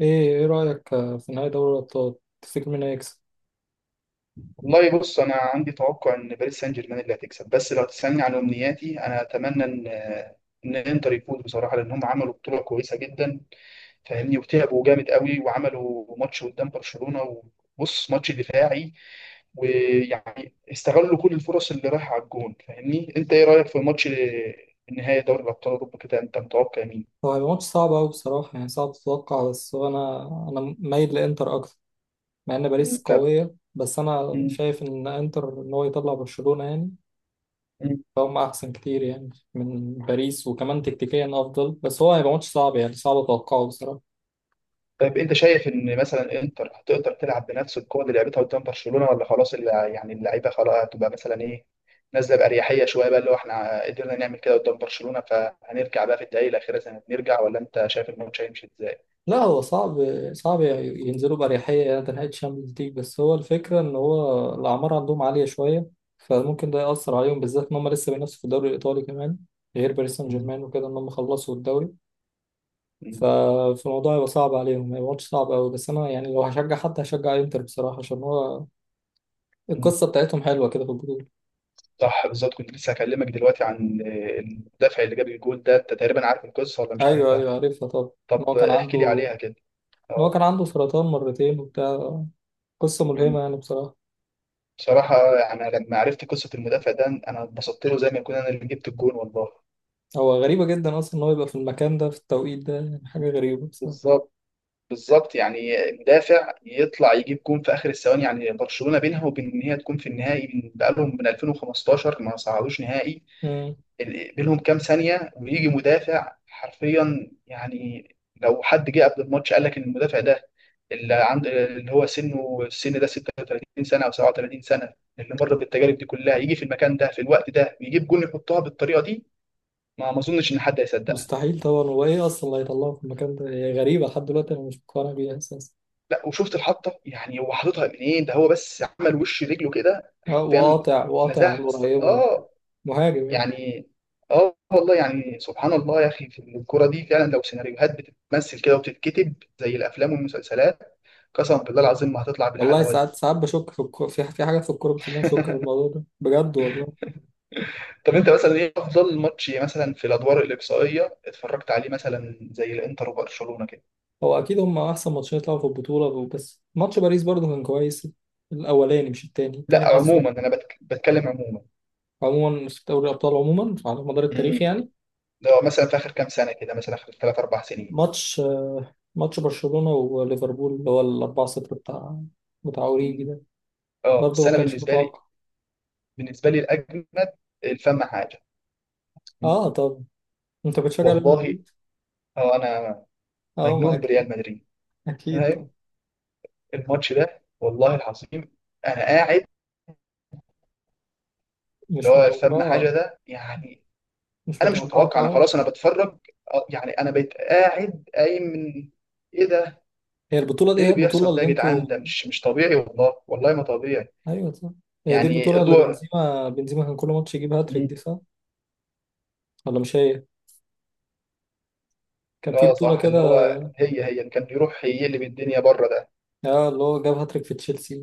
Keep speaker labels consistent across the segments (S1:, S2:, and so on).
S1: ايه رأيك في نهائي دوري الأبطال. تفتكر مين هيكسب؟
S2: والله بص انا عندي توقع ان باريس سان جيرمان اللي هتكسب، بس لو تسالني عن امنياتي انا اتمنى ان انتر يفوز. بصراحه لان هم عملوا بطوله كويسه جدا، فاهمني، وتعبوا جامد قوي وعملوا ماتش قدام برشلونه. وبص، ماتش دفاعي، ويعني استغلوا كل الفرص اللي رايحه على الجون. فاهمني، انت ايه رايك في ماتش النهائي دوري الابطال اوروبا كده؟ انت متوقع مين؟
S1: هو هيبقى ماتش صعب أوي بصراحة، يعني صعب تتوقع. بس هو أنا مايل لإنتر أكتر. مع إن باريس
S2: انت
S1: قوية، بس أنا شايف إن إنتر، إن هو يطلع برشلونة يعني
S2: مم.
S1: فهم أحسن كتير يعني من باريس، وكمان تكتيكيا أفضل. بس هو هيبقى ماتش صعب، يعني صعب أتوقعه بصراحة.
S2: طيب انت شايف ان مثلا انتر هتقدر تلعب بنفس القوه اللي لعبتها قدام برشلونه، ولا خلاص يعني اللعيبه خلاص هتبقى مثلا ايه، نازله باريحيه شويه بقى اللي هو احنا قدرنا نعمل كده قدام برشلونه، فهنرجع بقى في الدقائق الاخيره زي ما بنرجع، ولا انت شايف الماتش هيمشي ازاي؟
S1: لا هو صعب. صعب ينزلوا بأريحية، يعني نهائي الشامبيونز ليج. بس هو الفكرة إن هو الأعمار عندهم عالية شوية، فممكن ده يأثر عليهم، بالذات إن هم لسه بينافسوا في الدوري الإيطالي كمان، غير باريس سان
S2: مم.
S1: جيرمان وكده إن هم خلصوا الدوري.
S2: مم.
S1: ف- فالموضوع هيبقى صعب عليهم، هيبقى ماتش صعب أوي. بس أنا يعني لو هشجع حد هشجع إنتر بصراحة، عشان هو
S2: مم.
S1: القصة بتاعتهم حلوة كده في البطولة.
S2: صح، بالظبط. كنت لسه هكلمك دلوقتي عن المدافع اللي جاب الجول ده. انت تقريبا عارف القصه ولا مش
S1: أيوه،
S2: عارفها؟
S1: أيوه، عارفها طبعا. إن هو
S2: طب
S1: كان
S2: احكي لي
S1: عنده
S2: عليها كده.
S1: إن هو
S2: اه.
S1: كان عنده سرطان مرتين وبتاع. قصة ملهمة
S2: مم.
S1: يعني بصراحة.
S2: بصراحه يعني لما عرفت قصه المدافع ده انا اتبسطت له زي ما يكون انا اللي جبت الجول والله.
S1: هو غريبة جدا أصلا إن هو يبقى في المكان ده في التوقيت ده، يعني حاجة غريبة بصراحة.
S2: بالظبط، بالظبط يعني مدافع يطلع يجيب جون في اخر الثواني. يعني برشلونه بينها وبين ان هي تكون في النهائي من بقالهم من 2015 ما صعدوش نهائي.
S1: مم.
S2: بينهم كام ثانيه ويجي مدافع حرفيا. يعني لو حد جه قبل الماتش قال لك ان المدافع ده اللي عند اللي هو سنه السن ده 36 سنه او 37 سنه، اللي مر بالتجارب دي كلها، يجي في المكان ده في الوقت ده ويجيب جون يحطها بالطريقه دي، ما اظنش ان حد هيصدق.
S1: مستحيل طبعا. هو إيه أصلا اللي هيطلعه في المكان ده؟ هي غريبة لحد دلوقتي، أنا مش مقتنع بيها أساسا.
S2: لا، وشفت الحطه، يعني هو حاططها منين ده؟ هو بس عمل وش رجله كده حرفيا.
S1: وقاطع، وقاطع على
S2: لزاز
S1: القريبة وبتاع.
S2: اه.
S1: مهاجم يعني.
S2: يعني اه، والله يعني سبحان الله يا اخي. في الكوره دي فعلا لو سيناريوهات بتتمثل كده وبتتكتب زي الافلام والمسلسلات، قسما بالله العظيم ما هتطلع
S1: والله
S2: بالحلاوه دي.
S1: ساعات ساعات بشك في الكورة، في حاجات في الكورة بتخليني أشك في الموضوع ده بجد والله.
S2: طب انت مثلا ايه افضل ماتش مثلا في الادوار الاقصائيه اتفرجت عليه، مثلا زي الانتر وبرشلونه كده؟
S1: هو أكيد هم أحسن ماتشين يطلعوا في البطولة، بس ماتش باريس برضه كان كويس. الأولاني مش التاني.
S2: لا
S1: التاني حاسه
S2: عموما انا بتكلم عموما.
S1: عموما في دوري الأبطال، عموما على مدار التاريخ
S2: امم،
S1: يعني.
S2: ده مثلا في اخر كام سنه كده، مثلا اخر ثلاث اربع سنين.
S1: ماتش ماتش برشلونة وليفربول، اللي هو ال 4-0 بتاع اوريجي
S2: مم.
S1: ده.
S2: اه بس
S1: برضه ما
S2: انا
S1: كانش
S2: بالنسبه لي،
S1: متوقع.
S2: بالنسبه لي الاجمد، الفم حاجه،
S1: اه. طب انت بتشجع ريال
S2: والله.
S1: مدريد؟
S2: هو انا
S1: اه ما
S2: مجنون بريال
S1: اكيد.
S2: مدريد.
S1: اكيد.
S2: أنا
S1: طب
S2: الماتش ده والله العظيم انا قاعد، اللي
S1: مش
S2: هو الفم
S1: متوقعة،
S2: حاجه ده يعني.
S1: مش
S2: انا مش
S1: متوقعة
S2: متوقع، انا
S1: خالص.
S2: خلاص انا بتفرج. يعني انا بقيت قاعد قايم من، ايه ده،
S1: هي البطولة
S2: ايه
S1: دي، هي
S2: اللي
S1: البطولة
S2: بيحصل ده
S1: اللي
S2: يا جدعان؟
S1: انتوا...
S2: ده مش طبيعي، والله والله ما طبيعي.
S1: ايوه صح. هي دي
S2: يعني
S1: البطولة اللي
S2: ادوار.
S1: بنزيما كان كل ماتش يجيب هاتريك
S2: مم.
S1: دي، صح؟ ولا مش هي؟ كان في
S2: اه
S1: بطولة
S2: صح،
S1: كده،
S2: اللي هو هي اللي كان بيروح يقلب الدنيا بره ده.
S1: اه، اللي هو جاب هاتريك في تشيلسي،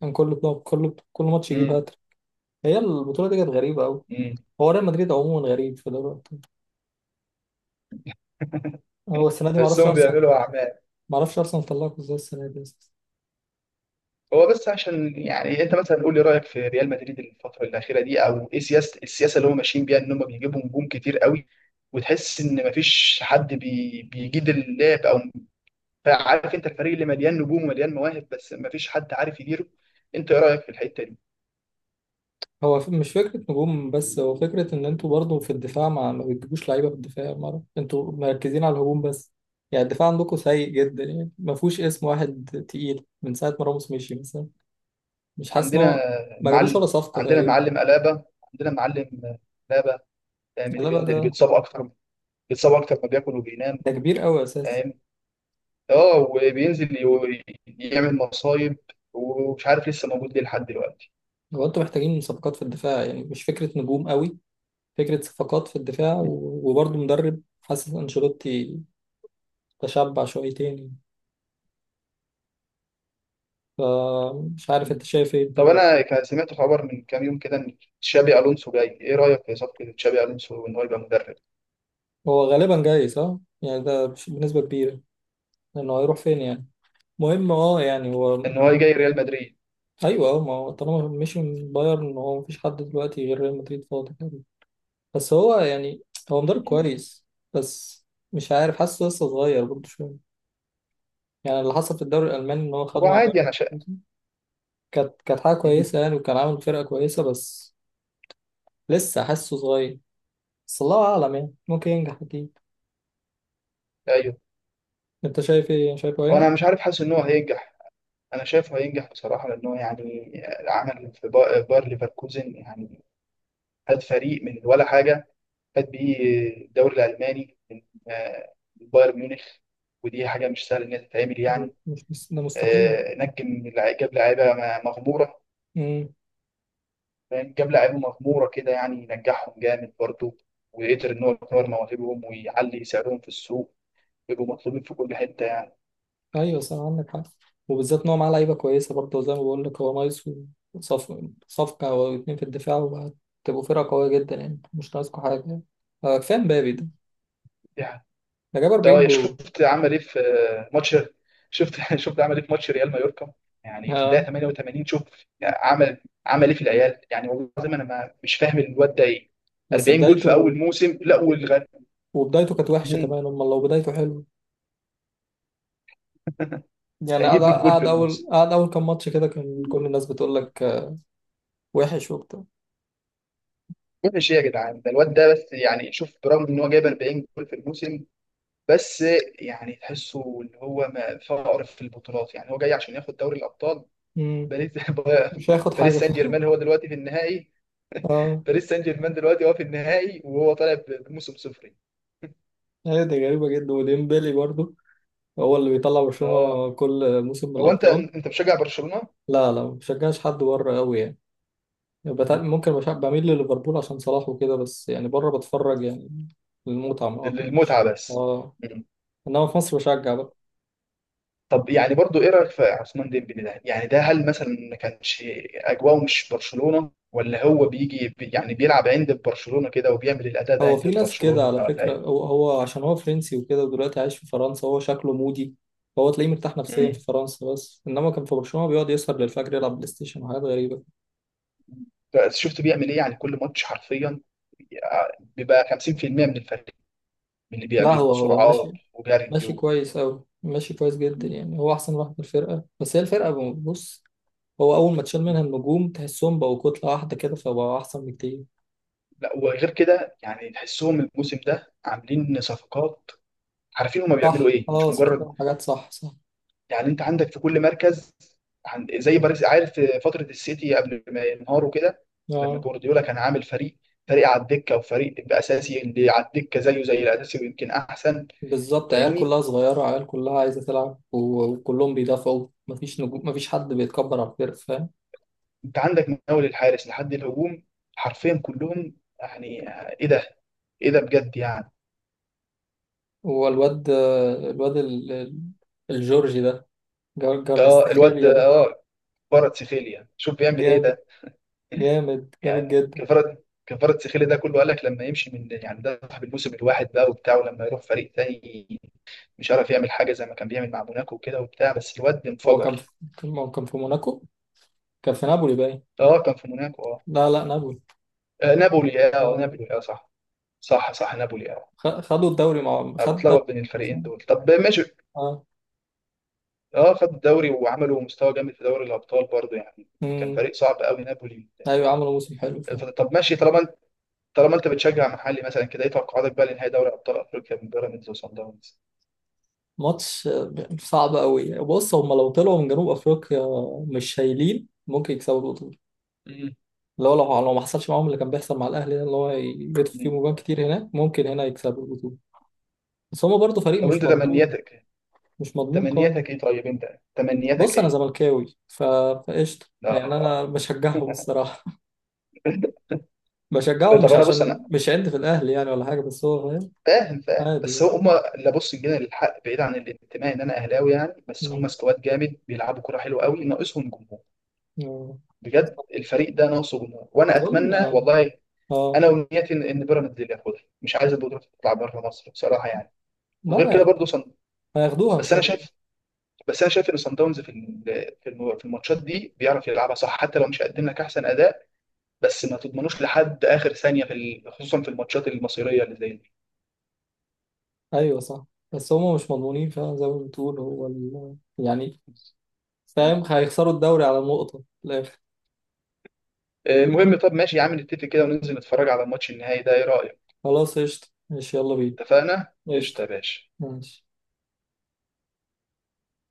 S1: كان كل بطولة، كل ماتش يجيب
S2: مم.
S1: هاتريك. هي البطولة دي كانت غريبة قوي.
S2: مم.
S1: هو ريال مدريد عموما غريب في دلوقتي. هو السنة دي
S2: بس
S1: معرفش
S2: هم
S1: أرسنال
S2: بيعملوا اعمال.
S1: ما اعرفش ارسنال طلعكوا ازاي السنه دي أساساً.
S2: هو بس عشان يعني انت مثلا قول لي رايك في ريال مدريد الفتره الاخيره دي، او ايه سياسه اللي هم ماشيين بيها ان هم بيجيبوا نجوم كتير قوي، وتحس ان مفيش حد بيجيد اللعب، او عارف انت الفريق اللي مليان نجوم ومليان مواهب بس مفيش حد عارف يديره. انت ايه رايك في الحته دي؟
S1: مش فكره نجوم، بس هو فكره ان انتوا برضو في الدفاع ما بتجيبوش لعيبه في الدفاع مره. انتوا مركزين على الهجوم بس، يعني الدفاع عندكم سيء جدا، يعني ما فيهوش اسم واحد تقيل من ساعه ما راموس مشي مثلا. مش حاسس ان
S2: عندنا
S1: هو ما جابوش
S2: معلم،
S1: ولا صفقه
S2: عندنا
S1: تقريبا.
S2: معلم الابا، عندنا معلم الابا، فاهم؟ اللي
S1: لا بقى،
S2: بينزل اللي
S1: ده
S2: بيتصاب اكتر، بيتصاب اكتر ما بياكل وبينام،
S1: ده كبير قوي اساسا.
S2: فاهم، اه. وبينزل يعمل مصايب، ومش عارف لسه موجود ليه لحد دلوقتي.
S1: هو انتوا محتاجين صفقات في الدفاع، يعني مش فكره نجوم قوي. فكره صفقات في الدفاع،
S2: مم.
S1: وبرضو مدرب، حاسس انشيلوتي تشبع شويتين يعني. فمش عارف انت شايف ايه في
S2: طب
S1: الموضوع.
S2: انا سمعت خبر من كام يوم كده ان تشابي الونسو جاي. ايه رايك في صفقه تشابي الونسو ان هو يبقى مدرب؟
S1: هو غالبا جاي، صح؟ يعني ده بنسبة كبيرة، لأنه هيروح فين يعني؟ مهم اه، يعني هو
S2: ان هو جاي ريال مدريد.
S1: أيوه اه، ما هو طالما مشي من بايرن، هو مفيش حد دلوقتي غير ريال مدريد فاضي تقريبا. بس هو يعني هو مدرب
S2: مم.
S1: كويس، بس مش عارف، حاسه لسه صغير برضه شوية. يعني اللي حصل في الدوري الألماني إن هو
S2: هو
S1: خده مع
S2: عادي، انا شايف.
S1: بايرن، كانت حاجة
S2: مم.
S1: كويسة يعني، وكان عامل فرقة كويسة، بس لسه حاسه صغير. بس الله أعلم يعني، ممكن ينجح أكيد.
S2: ايوه.
S1: أنت شايف إيه؟ شايفه هينجح؟
S2: وانا مش عارف، حاسس ان هو هينجح. انا شايفه هينجح بصراحه، لان هو يعني عمل في باير ليفركوزن يعني، هاد فريق من ولا حاجه فات بيه الدوري الالماني من، آه، من بايرن ميونخ. ودي حاجه مش سهله ان هي تتعمل يعني.
S1: مش ده مستحيل.
S2: نجم جاب لعيبه مغموره، فاهم؟ جاب لعيبه مغموره كده يعني ينجحهم جامد برضه، وقدر ان هو يطور مواهبهم ويعلي سعرهم في السوق ويبقوا مطلوبين في كل حته يعني.
S1: ايوه صح، عندك حق. وبالذات ان هو معاه لعيبه كويسه برضه، وزي ما بقول لك هو نايس. وصف صفقه او اتنين في الدفاع وهتبقوا فرقه قويه جدا، يعني مش ناقصكوا حاجه يعني. كفايه مبابي ده،
S2: دي
S1: ده جاب
S2: ده
S1: 40
S2: يا
S1: جول.
S2: شفت عمل ايه في ماتش. شفت شفت عمل ايه في ماتش ريال مايوركا. يعني في الدقيقه
S1: اه
S2: 88، شوف يعني عمل ايه في العيال؟ يعني والله العظيم انا ما مش فاهم الواد ده ايه.
S1: بس
S2: 40 جول في اول
S1: بدايته،
S2: موسم، لا والغ.
S1: وبدايته كانت وحشه
S2: مم،
S1: كمان، امال لو بدايته حلوه؟ يعني
S2: هيجيب 100 جول في الموسم.
S1: قعد اول كام ماتش كده، كان كل الناس بتقول لك آه، وحش وبتاع.
S2: مش ايه يا جدعان ده الواد ده؟ بس يعني شوف برغم ان هو جايب 40 جول في الموسم، بس يعني تحسه ان هو ما فقر في البطولات. يعني هو جاي عشان ياخد دوري الابطال.
S1: مم،
S2: باريس
S1: مش هياخد حاجه
S2: باريس سان
S1: فيه.
S2: جيرمان هو دلوقتي في النهائي.
S1: اه،
S2: باريس سان جيرمان دلوقتي هو في النهائي، وهو طالع بموسم صفري.
S1: هي دي غريبه جدا، وديمبلي برضه هو اللي بيطلع
S2: اه.
S1: برشلونه كل موسم من
S2: هو انت
S1: الابطال.
S2: انت مشجع برشلونه؟
S1: لا، لا، ما بشجعش حد بره قوي يعني. ممكن بميل لليفربول عشان صلاح وكده، بس يعني بره بتفرج يعني للمتعة ما مش.
S2: للمتعه بس.
S1: اه
S2: مم.
S1: انما في مصر بشجع بقى.
S2: طب يعني برضو ايه رايك في عثمان ديمبلي ده؟ يعني ده هل مثلا ما كانش اجواءه مش برشلونه، ولا هو بيجي يعني بيلعب عند برشلونه كده وبيعمل الاداء ده
S1: هو في
S2: عند
S1: ناس كده
S2: برشلونه،
S1: على
S2: ولا
S1: فكرة،
S2: ايه؟
S1: هو عشان هو فرنسي وكده ودلوقتي عايش في فرنسا، هو شكله مودي. هو تلاقيه مرتاح نفسيا
S2: مم.
S1: في فرنسا، بس انما كان في برشلونة بيقعد يسهر للفجر يلعب بلاي ستيشن وحاجات غريبة.
S2: بس شفت بيعمل ايه يعني كل ماتش حرفيا بيبقى 50% من الفريق، من اللي
S1: لا
S2: بيعمله
S1: هو
S2: سرعات
S1: ماشي،
S2: وجري
S1: ماشي
S2: و...
S1: كويس قوي، ماشي كويس جدا
S2: مم.
S1: يعني. هو احسن واحد في الفرقة، بس هي الفرقة، بص، هو أول ما تشيل منها النجوم تحسهم بقوا كتلة واحدة كده، فبقوا أحسن بكتير.
S2: لا، وغير كده يعني تحسهم الموسم ده عاملين صفقات، عارفين هما بيعملوا
S1: صح
S2: ايه،
S1: اه،
S2: مش مجرد
S1: صفقات حاجات، صح صح.
S2: يعني. انت عندك في كل مركز، عند زي باريس، عارف في فتره السيتي قبل ما ينهاروا كده، لما
S1: اه
S2: جوارديولا كان عامل فريق، فريق على الدكه وفريق باساسي، اللي على الدكه زيه زي الاساسي ويمكن احسن.
S1: بالظبط، عيال
S2: فاهمني.
S1: كلها صغيرة، عيال كلها عايزة تلعب، وكلهم بيدافعوا، مفيش نجوم، مفيش حد بيتكبر على الفرق، فاهم.
S2: انت عندك من اول الحارس لحد الهجوم حرفيا كلهم يعني. ايه ده، ايه ده بجد يعني.
S1: هو الواد الجورجي ده،
S2: اه الواد
S1: جارفستخيليا ده.
S2: اه. كفارة سيخيليا، شوف بيعمل ايه
S1: جامد،
S2: ده.
S1: جامد جامد
S2: يعني
S1: جدا.
S2: كفاره كفاره سخيلي ده كله قال لك لما يمشي من، يعني ده صاحب الموسم الواحد بقى وبتاع، ولما يروح فريق تاني مش عارف يعمل حاجه زي ما كان بيعمل مع موناكو وكده وبتاع، بس الواد
S1: هو كان في
S2: انفجر.
S1: هو كان في موناكو. كان في نابولي باين.
S2: اه كان في موناكو اه.
S1: لا، لا، نابولي.
S2: نابولي اه.
S1: اه،
S2: نابولي اه صح. صح صح، نابولي اه.
S1: خ- خدوا الدوري مع
S2: انا
S1: خد الدوري.
S2: بتلخبط بين الفريقين دول. طب ماشي، اه خد الدوري وعملوا مستوى جامد في دوري الابطال برضه يعني. كان
S1: اه
S2: فريق صعب قوي نابولي.
S1: ايوه، عملوا موسم حلو فعلا.
S2: الفترة، طب ماشي. طالما انت بتشجع محلي مثلا كده، ايه توقعاتك بقى لنهائي دوري ابطال افريقيا من بيراميدز وصن داونز؟
S1: ماتش صعب قوي. بص هم لو طلعوا من جنوب افريقيا مش شايلين، ممكن يكسبوا البطوله. لو ما حصلش معاهم اللي كان بيحصل مع الاهلي ده، اللي هو يجدوا فيهم
S2: مم.
S1: جوان كتير هناك، ممكن هنا يكسبوا البطوله. بس هم برضه فريق
S2: طب
S1: مش
S2: انت
S1: مضمون،
S2: تمنياتك
S1: مش مضمون خالص.
S2: تمنياتك ايه طيب انت تمنياتك
S1: بص انا
S2: ايه؟
S1: زملكاوي، فقشطه يعني
S2: لا.
S1: انا بشجعهم الصراحه. بشجعهم
S2: طب
S1: مش
S2: انا بص انا،
S1: عشان مش عندي في الاهلي يعني ولا حاجه، بس هو فاهم.
S2: فاهم فاهم.
S1: عادي
S2: بس
S1: يعني.
S2: هم اللي، بص جينا للحق بعيد عن الانتماء ان انا اهلاوي يعني، بس هم
S1: مم.
S2: سكواد جامد بيلعبوا كرة حلوه قوي، ناقصهم جمهور.
S1: آه.
S2: بجد الفريق ده ناقصه جمهور، وانا
S1: اظن
S2: اتمنى
S1: اه.
S2: والله،
S1: آه.
S2: انا ونيتي ان بيراميدز اللي ياخدها. مش عايز البطوله تطلع بره مصر بصراحه يعني. وغير كده
S1: لا،
S2: برضه صن...
S1: هياخدوها ان
S2: بس انا
S1: شاء الله.
S2: شايف بس انا شايف ان صن داونز في في الماتشات دي بيعرف يلعبها صح، حتى لو مش هيقدم لك احسن اداء. بس ما تضمنوش لحد اخر ثانيه في خصوصا في الماتشات المصيريه اللي زي دي.
S1: ايوه صح، بس هما مش مضمونين فعلا زي ما بتقول. هو يعني
S2: مم.
S1: فاهم هيخسروا الدوري على نقطة في الآخر.
S2: المهم طب ماشي يا عم، نتفق كده وننزل نتفرج على الماتش النهائي ده، ايه رايك؟
S1: خلاص قشطة، ماشي، يلا بينا.
S2: اتفقنا
S1: قشطة.
S2: قشطه يا باشا.
S1: ماشي